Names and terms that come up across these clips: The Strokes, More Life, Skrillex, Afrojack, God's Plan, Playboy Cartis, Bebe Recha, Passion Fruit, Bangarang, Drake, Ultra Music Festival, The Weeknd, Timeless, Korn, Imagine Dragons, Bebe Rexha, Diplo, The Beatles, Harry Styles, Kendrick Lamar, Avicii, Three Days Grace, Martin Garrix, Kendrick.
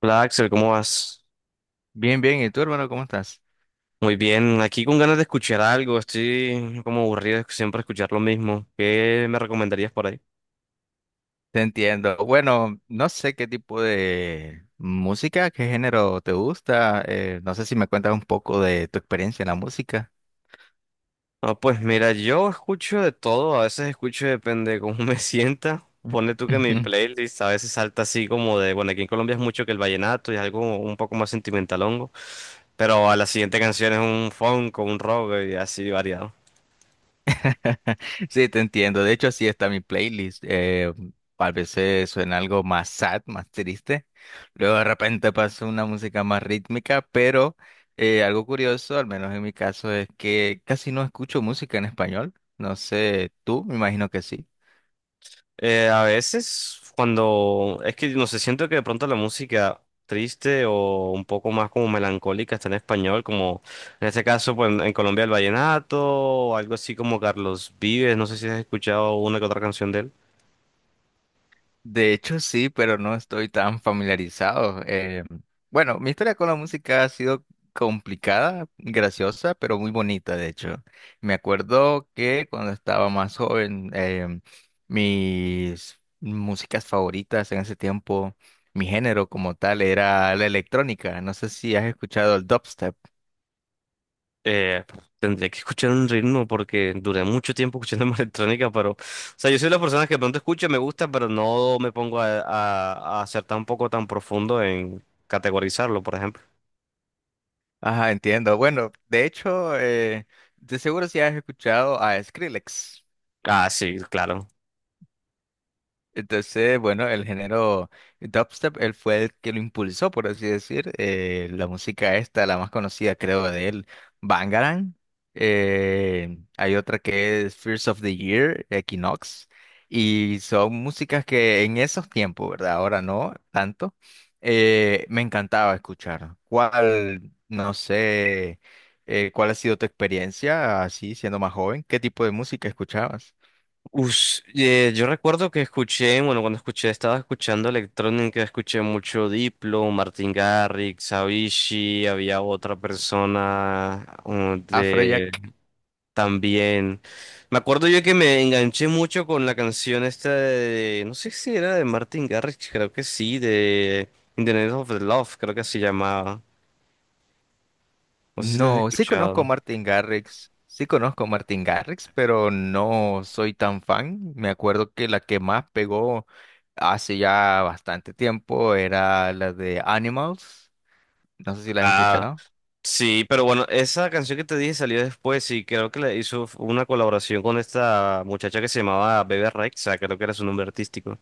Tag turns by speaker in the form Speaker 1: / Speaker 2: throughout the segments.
Speaker 1: Hola Axel, ¿cómo vas?
Speaker 2: Bien, bien. ¿Y tú, hermano, cómo estás?
Speaker 1: Muy bien, aquí con ganas de escuchar algo, estoy como aburrido de siempre escuchar lo mismo. ¿Qué me recomendarías por ahí?
Speaker 2: Te entiendo. Bueno, no sé qué tipo de música, qué género te gusta. No sé si me cuentas un poco de tu experiencia en la música.
Speaker 1: Ah, pues mira, yo escucho de todo, a veces escucho depende de cómo me sienta. Pone tú que mi playlist a veces salta así como de, bueno, aquí en Colombia es mucho que el vallenato y algo un poco más sentimentalongo, pero a la siguiente canción es un funk o un rock y así variado.
Speaker 2: Sí, te entiendo. De hecho, así está mi playlist. A veces suena algo más sad, más triste. Luego de repente pasa una música más rítmica, pero algo curioso, al menos en mi caso, es que casi no escucho música en español. No sé, tú, me imagino que sí.
Speaker 1: A veces, cuando es que no sé, siento que de pronto la música triste o un poco más como melancólica está en español, como en este caso, pues en Colombia el vallenato o algo así como Carlos Vives. No sé si has escuchado una que otra canción de él.
Speaker 2: De hecho, sí, pero no estoy tan familiarizado. Bueno, mi historia con la música ha sido complicada, graciosa, pero muy bonita, de hecho. Me acuerdo que cuando estaba más joven, mis músicas favoritas en ese tiempo, mi género como tal era la electrónica. No sé si has escuchado el dubstep.
Speaker 1: Eh, Tendría que escuchar un ritmo porque duré mucho tiempo escuchando música electrónica, pero, o sea, yo soy de las personas que de pronto escucho me gusta, pero no me pongo a ser tampoco tan profundo en categorizarlo, por ejemplo.
Speaker 2: Ajá, entiendo. Bueno, de hecho, de seguro si has escuchado a Skrillex.
Speaker 1: Ah, sí, claro.
Speaker 2: Entonces, bueno, el género dubstep, él fue el que lo impulsó, por así decir. La música esta, la más conocida creo de él, Bangarang. Hay otra que es Fears of the Year, Equinox. Y son músicas que en esos tiempos, ¿verdad? Ahora no tanto. Me encantaba escuchar. ¿Cuál, no sé, cuál ha sido tu experiencia así siendo más joven? ¿Qué tipo de música escuchabas?
Speaker 1: Yo recuerdo que escuché, bueno, cuando escuché, estaba escuchando electrónica, escuché mucho Diplo, Martin Garrix, Avicii, había otra persona de
Speaker 2: Afrojack.
Speaker 1: también. Me acuerdo yo que me enganché mucho con la canción esta de, no sé si era de Martin Garrix, creo que sí, de In the Name of the Love, creo que así llamaba. No sé si la has
Speaker 2: No, sí conozco a
Speaker 1: escuchado.
Speaker 2: Martin Garrix, sí conozco a Martin Garrix, pero no soy tan fan. Me acuerdo que la que más pegó hace ya bastante tiempo era la de Animals. No sé si la has escuchado.
Speaker 1: Sí, pero bueno, esa canción que te dije salió después y creo que le hizo una colaboración con esta muchacha que se llamaba Bebe Rexha, creo que era su nombre artístico.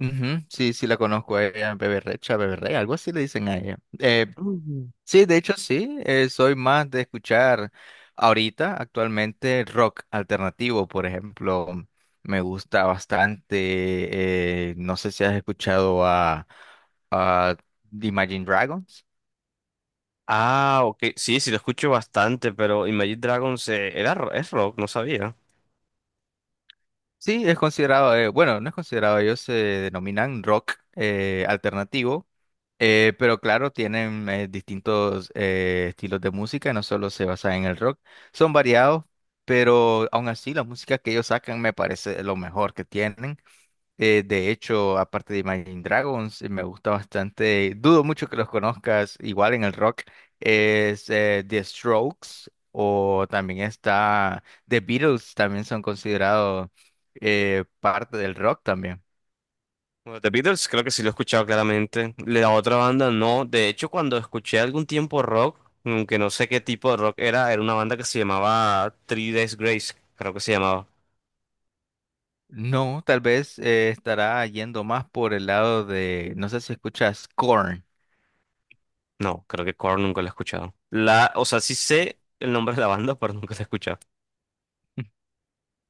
Speaker 2: Ujú, sí, sí la conozco a ella, Bebe Recha, Bebe Rey, algo así le dicen a ella.
Speaker 1: Mm.
Speaker 2: Sí, de hecho sí, soy más de escuchar ahorita actualmente rock alternativo, por ejemplo, me gusta bastante, no sé si has escuchado a Imagine Dragons.
Speaker 1: Ah, ok, sí, sí lo escucho bastante, pero Imagine Dragons era, es rock, no sabía.
Speaker 2: Sí, es considerado, bueno, no es considerado, ellos se denominan rock alternativo, pero claro, tienen distintos estilos de música, no solo se basan en el rock, son variados, pero aún así la música que ellos sacan me parece lo mejor que tienen. De hecho, aparte de Imagine Dragons, me gusta bastante, dudo mucho que los conozcas, igual en el rock, es The Strokes o también está The Beatles, también son considerados parte del rock también.
Speaker 1: Bueno, The Beatles creo que sí lo he escuchado claramente. La otra banda no, de hecho cuando escuché algún tiempo rock, aunque no sé qué tipo de rock era, era una banda que se llamaba Three Days Grace, creo que se llamaba.
Speaker 2: No, tal vez estará yendo más por el lado de, no sé si escuchas Korn.
Speaker 1: No, creo que Korn nunca lo he escuchado. La, o sea, sí sé el nombre de la banda, pero nunca la he escuchado.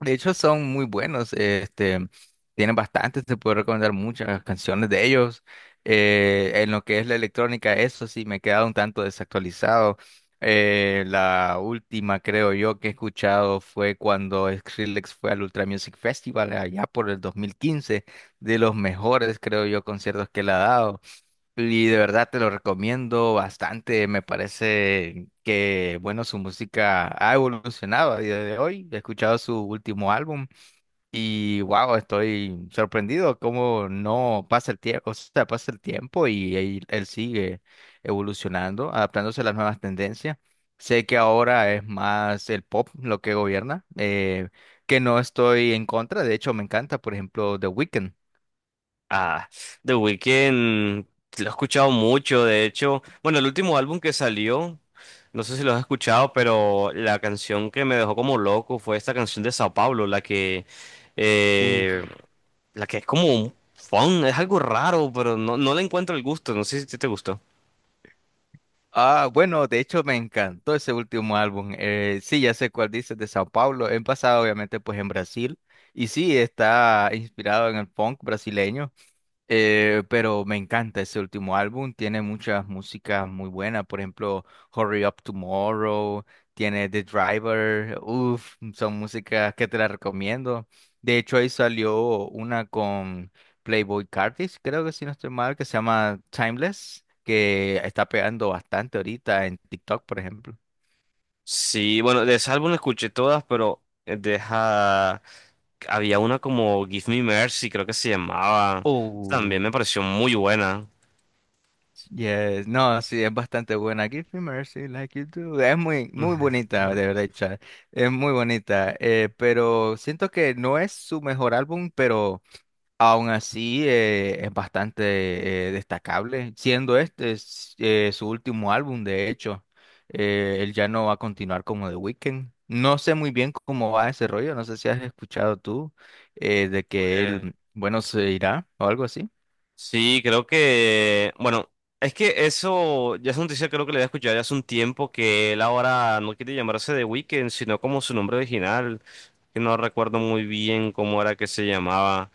Speaker 2: De hecho, son muy buenos. Este, tienen bastantes, te puedo recomendar muchas canciones de ellos. En lo que es la electrónica, eso sí, me he quedado un tanto desactualizado. La última, creo yo, que he escuchado fue cuando Skrillex fue al Ultra Music Festival allá por el 2015, de los mejores, creo yo, conciertos que le ha dado. Y de verdad te lo recomiendo bastante. Me parece que, bueno, su música ha evolucionado a día de hoy. He escuchado su último álbum y, wow, estoy sorprendido cómo no pasa el tiempo, o sea, pasa el tiempo y él sigue evolucionando, adaptándose a las nuevas tendencias. Sé que ahora es más el pop lo que gobierna, que no estoy en contra. De hecho, me encanta, por ejemplo, The Weeknd.
Speaker 1: Ah, The Weeknd lo he escuchado mucho, de hecho. Bueno, el último álbum que salió, no sé si lo has escuchado, pero la canción que me dejó como loco fue esta canción de Sao Paulo, eh, la que es como un funk, es algo raro, pero no, no le encuentro el gusto. No sé si te gustó.
Speaker 2: Ah, bueno, de hecho me encantó ese último álbum. Sí, ya sé cuál dices, de Sao Paulo. He pasado obviamente pues en Brasil y sí, está inspirado en el funk brasileño. Pero me encanta ese último álbum, tiene muchas músicas muy buenas, por ejemplo, Hurry Up Tomorrow, tiene The Driver, uff, son músicas que te las recomiendo. De hecho, ahí salió una con Playboy Cartis, creo que si no estoy mal, que se llama Timeless, que está pegando bastante ahorita en TikTok, por ejemplo.
Speaker 1: Sí, bueno, de ese álbum escuché todas, pero deja... Había una como Give Me Mercy, creo que se llamaba. También
Speaker 2: Oh,
Speaker 1: me pareció muy buena.
Speaker 2: yes, no, sí, es bastante buena. Give me mercy like you do. Es muy, muy bonita, de verdad, Chad. Es muy bonita. Pero siento que no es su mejor álbum, pero aún así es bastante destacable. Siendo este es, su último álbum, de hecho, él ya no va a continuar como The Weeknd. No sé muy bien cómo va ese rollo. No sé si has escuchado tú de que
Speaker 1: Pues,
Speaker 2: él, bueno, se irá o algo así.
Speaker 1: sí, creo que, bueno, es que eso ya es una noticia creo que le había escuchado ya hace un tiempo que él ahora no quiere llamarse The Weeknd, sino como su nombre original, que no recuerdo muy bien cómo era que se llamaba.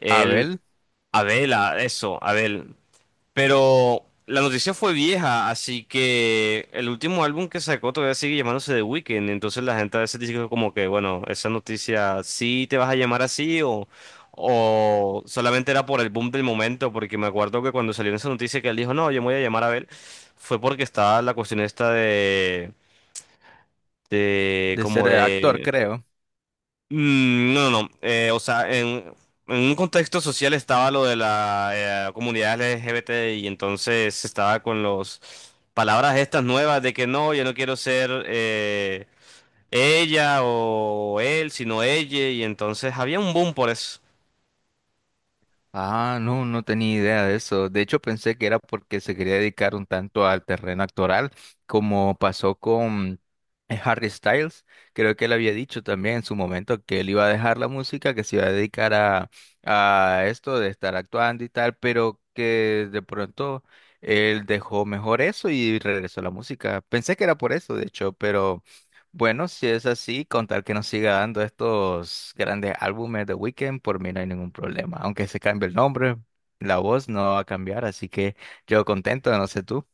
Speaker 1: Él,
Speaker 2: Abel,
Speaker 1: Abela, eso, Abel. Pero la noticia fue vieja, así que el último álbum que sacó todavía sigue llamándose The Weeknd. Entonces la gente a veces dice como que, bueno, esa noticia sí te vas a llamar así o solamente era por el boom del momento, porque me acuerdo que cuando salió esa noticia que él dijo, no, yo me voy a llamar Abel, fue porque estaba la cuestión esta de
Speaker 2: de
Speaker 1: como
Speaker 2: ser
Speaker 1: Sí.
Speaker 2: actor,
Speaker 1: de,
Speaker 2: creo.
Speaker 1: Mm, no, no, no. O sea, en un contexto social estaba lo de la comunidad LGBT y entonces estaba con los palabras estas nuevas de que no, yo no quiero ser ella o él, sino ella y entonces había un boom por eso.
Speaker 2: Ah, no, no tenía idea de eso. De hecho, pensé que era porque se quería dedicar un tanto al terreno actoral, como pasó con Harry Styles. Creo que él había dicho también en su momento que él iba a dejar la música, que se iba a dedicar a esto de estar actuando y tal, pero que de pronto él dejó mejor eso y regresó a la música. Pensé que era por eso, de hecho, pero... Bueno, si es así, contar que nos siga dando estos grandes álbumes de Weekend, por mí no hay ningún problema. Aunque se cambie el nombre, la voz no va a cambiar, así que yo contento, no sé tú.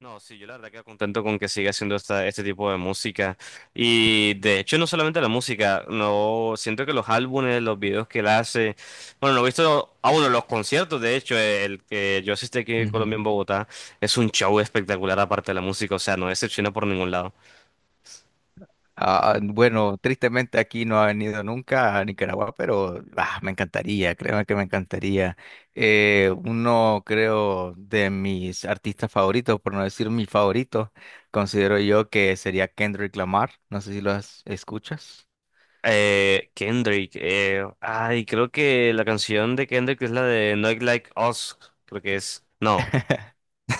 Speaker 1: No, sí, yo la verdad que contento con que siga haciendo esta, este tipo de música. Y de hecho, no solamente la música, no siento que los álbumes, los videos que él hace, bueno, no he visto, ah, bueno, los conciertos, de hecho, el que yo asistí aquí en Colombia,
Speaker 2: Ujú.
Speaker 1: en Bogotá, es un show espectacular aparte de la música, o sea, no decepciona por ningún lado.
Speaker 2: Ah, bueno, tristemente aquí no ha venido nunca a Nicaragua, pero ah, me encantaría, créeme que me encantaría. Uno, creo, de mis artistas favoritos, por no decir mi favorito, considero yo que sería Kendrick Lamar. No sé si lo has- Escuchas.
Speaker 1: Kendrick, ay, creo que la canción de Kendrick es la de Not Like Us, creo que es. No.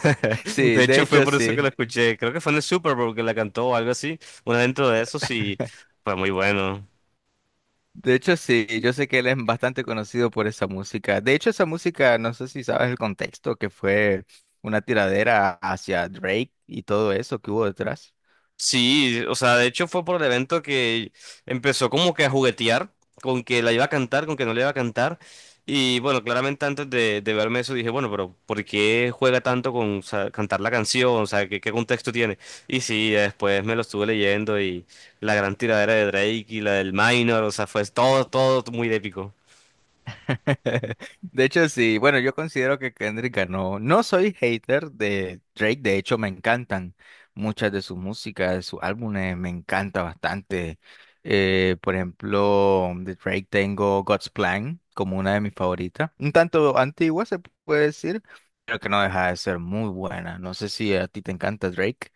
Speaker 1: De
Speaker 2: Sí, de
Speaker 1: hecho, fue
Speaker 2: hecho
Speaker 1: por eso que la
Speaker 2: sí.
Speaker 1: escuché. Creo que fue en el Super Bowl que la cantó o algo así. Una dentro de eso, sí, fue muy bueno.
Speaker 2: De hecho, sí, yo sé que él es bastante conocido por esa música. De hecho, esa música, no sé si sabes el contexto, que fue una tiradera hacia Drake y todo eso que hubo detrás.
Speaker 1: Sí, o sea, de hecho fue por el evento que empezó como que a juguetear con que la iba a cantar, con que no la iba a cantar. Y bueno, claramente antes de verme eso dije, bueno, pero ¿por qué juega tanto con o sea, cantar la canción? O sea, ¿qué, qué contexto tiene? Y sí, ya después me lo estuve leyendo y la gran tiradera de Drake y la del Minor, o sea, fue todo, todo muy épico.
Speaker 2: De hecho, sí, bueno, yo considero que Kendrick ganó. No soy hater de Drake, de hecho me encantan muchas de sus músicas, de sus álbumes, me encanta bastante. Por ejemplo, de Drake tengo God's Plan como una de mis favoritas, un tanto antigua se puede decir, pero que no deja de ser muy buena. No sé si a ti te encanta Drake.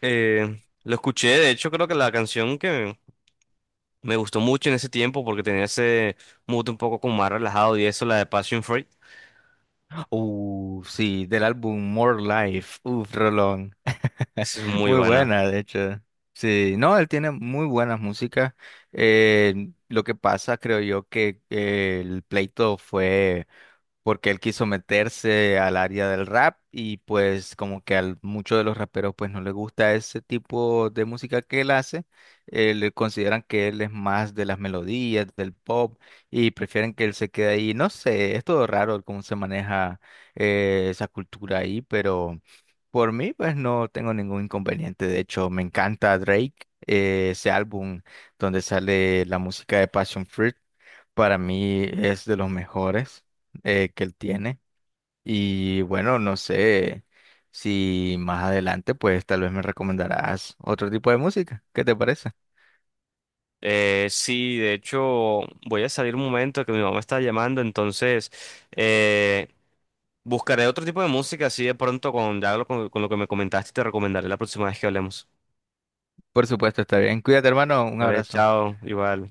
Speaker 1: Lo escuché, de hecho creo que la canción que me gustó mucho en ese tiempo porque tenía ese mood un poco como más relajado y eso, la de Passion Fruit,
Speaker 2: Sí, del álbum More Life. Uf, rolón.
Speaker 1: esa es muy
Speaker 2: Muy
Speaker 1: buena.
Speaker 2: buena, de hecho. Sí, no, él tiene muy buenas músicas. Lo que pasa, creo yo, que el pleito fue porque él quiso meterse al área del rap y pues como que a muchos de los raperos pues no les gusta ese tipo de música que él hace, le consideran que él es más de las melodías, del pop y prefieren que él se quede ahí. No sé, es todo raro cómo se maneja esa cultura ahí, pero por mí pues no tengo ningún inconveniente. De hecho, me encanta Drake, ese álbum donde sale la música de Passion Fruit. Para mí es de los mejores que él tiene. Y bueno, no sé si más adelante, pues tal vez me recomendarás otro tipo de música. ¿Qué te parece?
Speaker 1: Sí, de hecho voy a salir un momento que mi mamá está llamando, entonces eh, buscaré otro tipo de música así de pronto con, con lo que me comentaste te recomendaré la próxima vez que hablemos.
Speaker 2: Por supuesto, está bien. Cuídate, hermano. Un
Speaker 1: Vale,
Speaker 2: abrazo.
Speaker 1: chao, igual.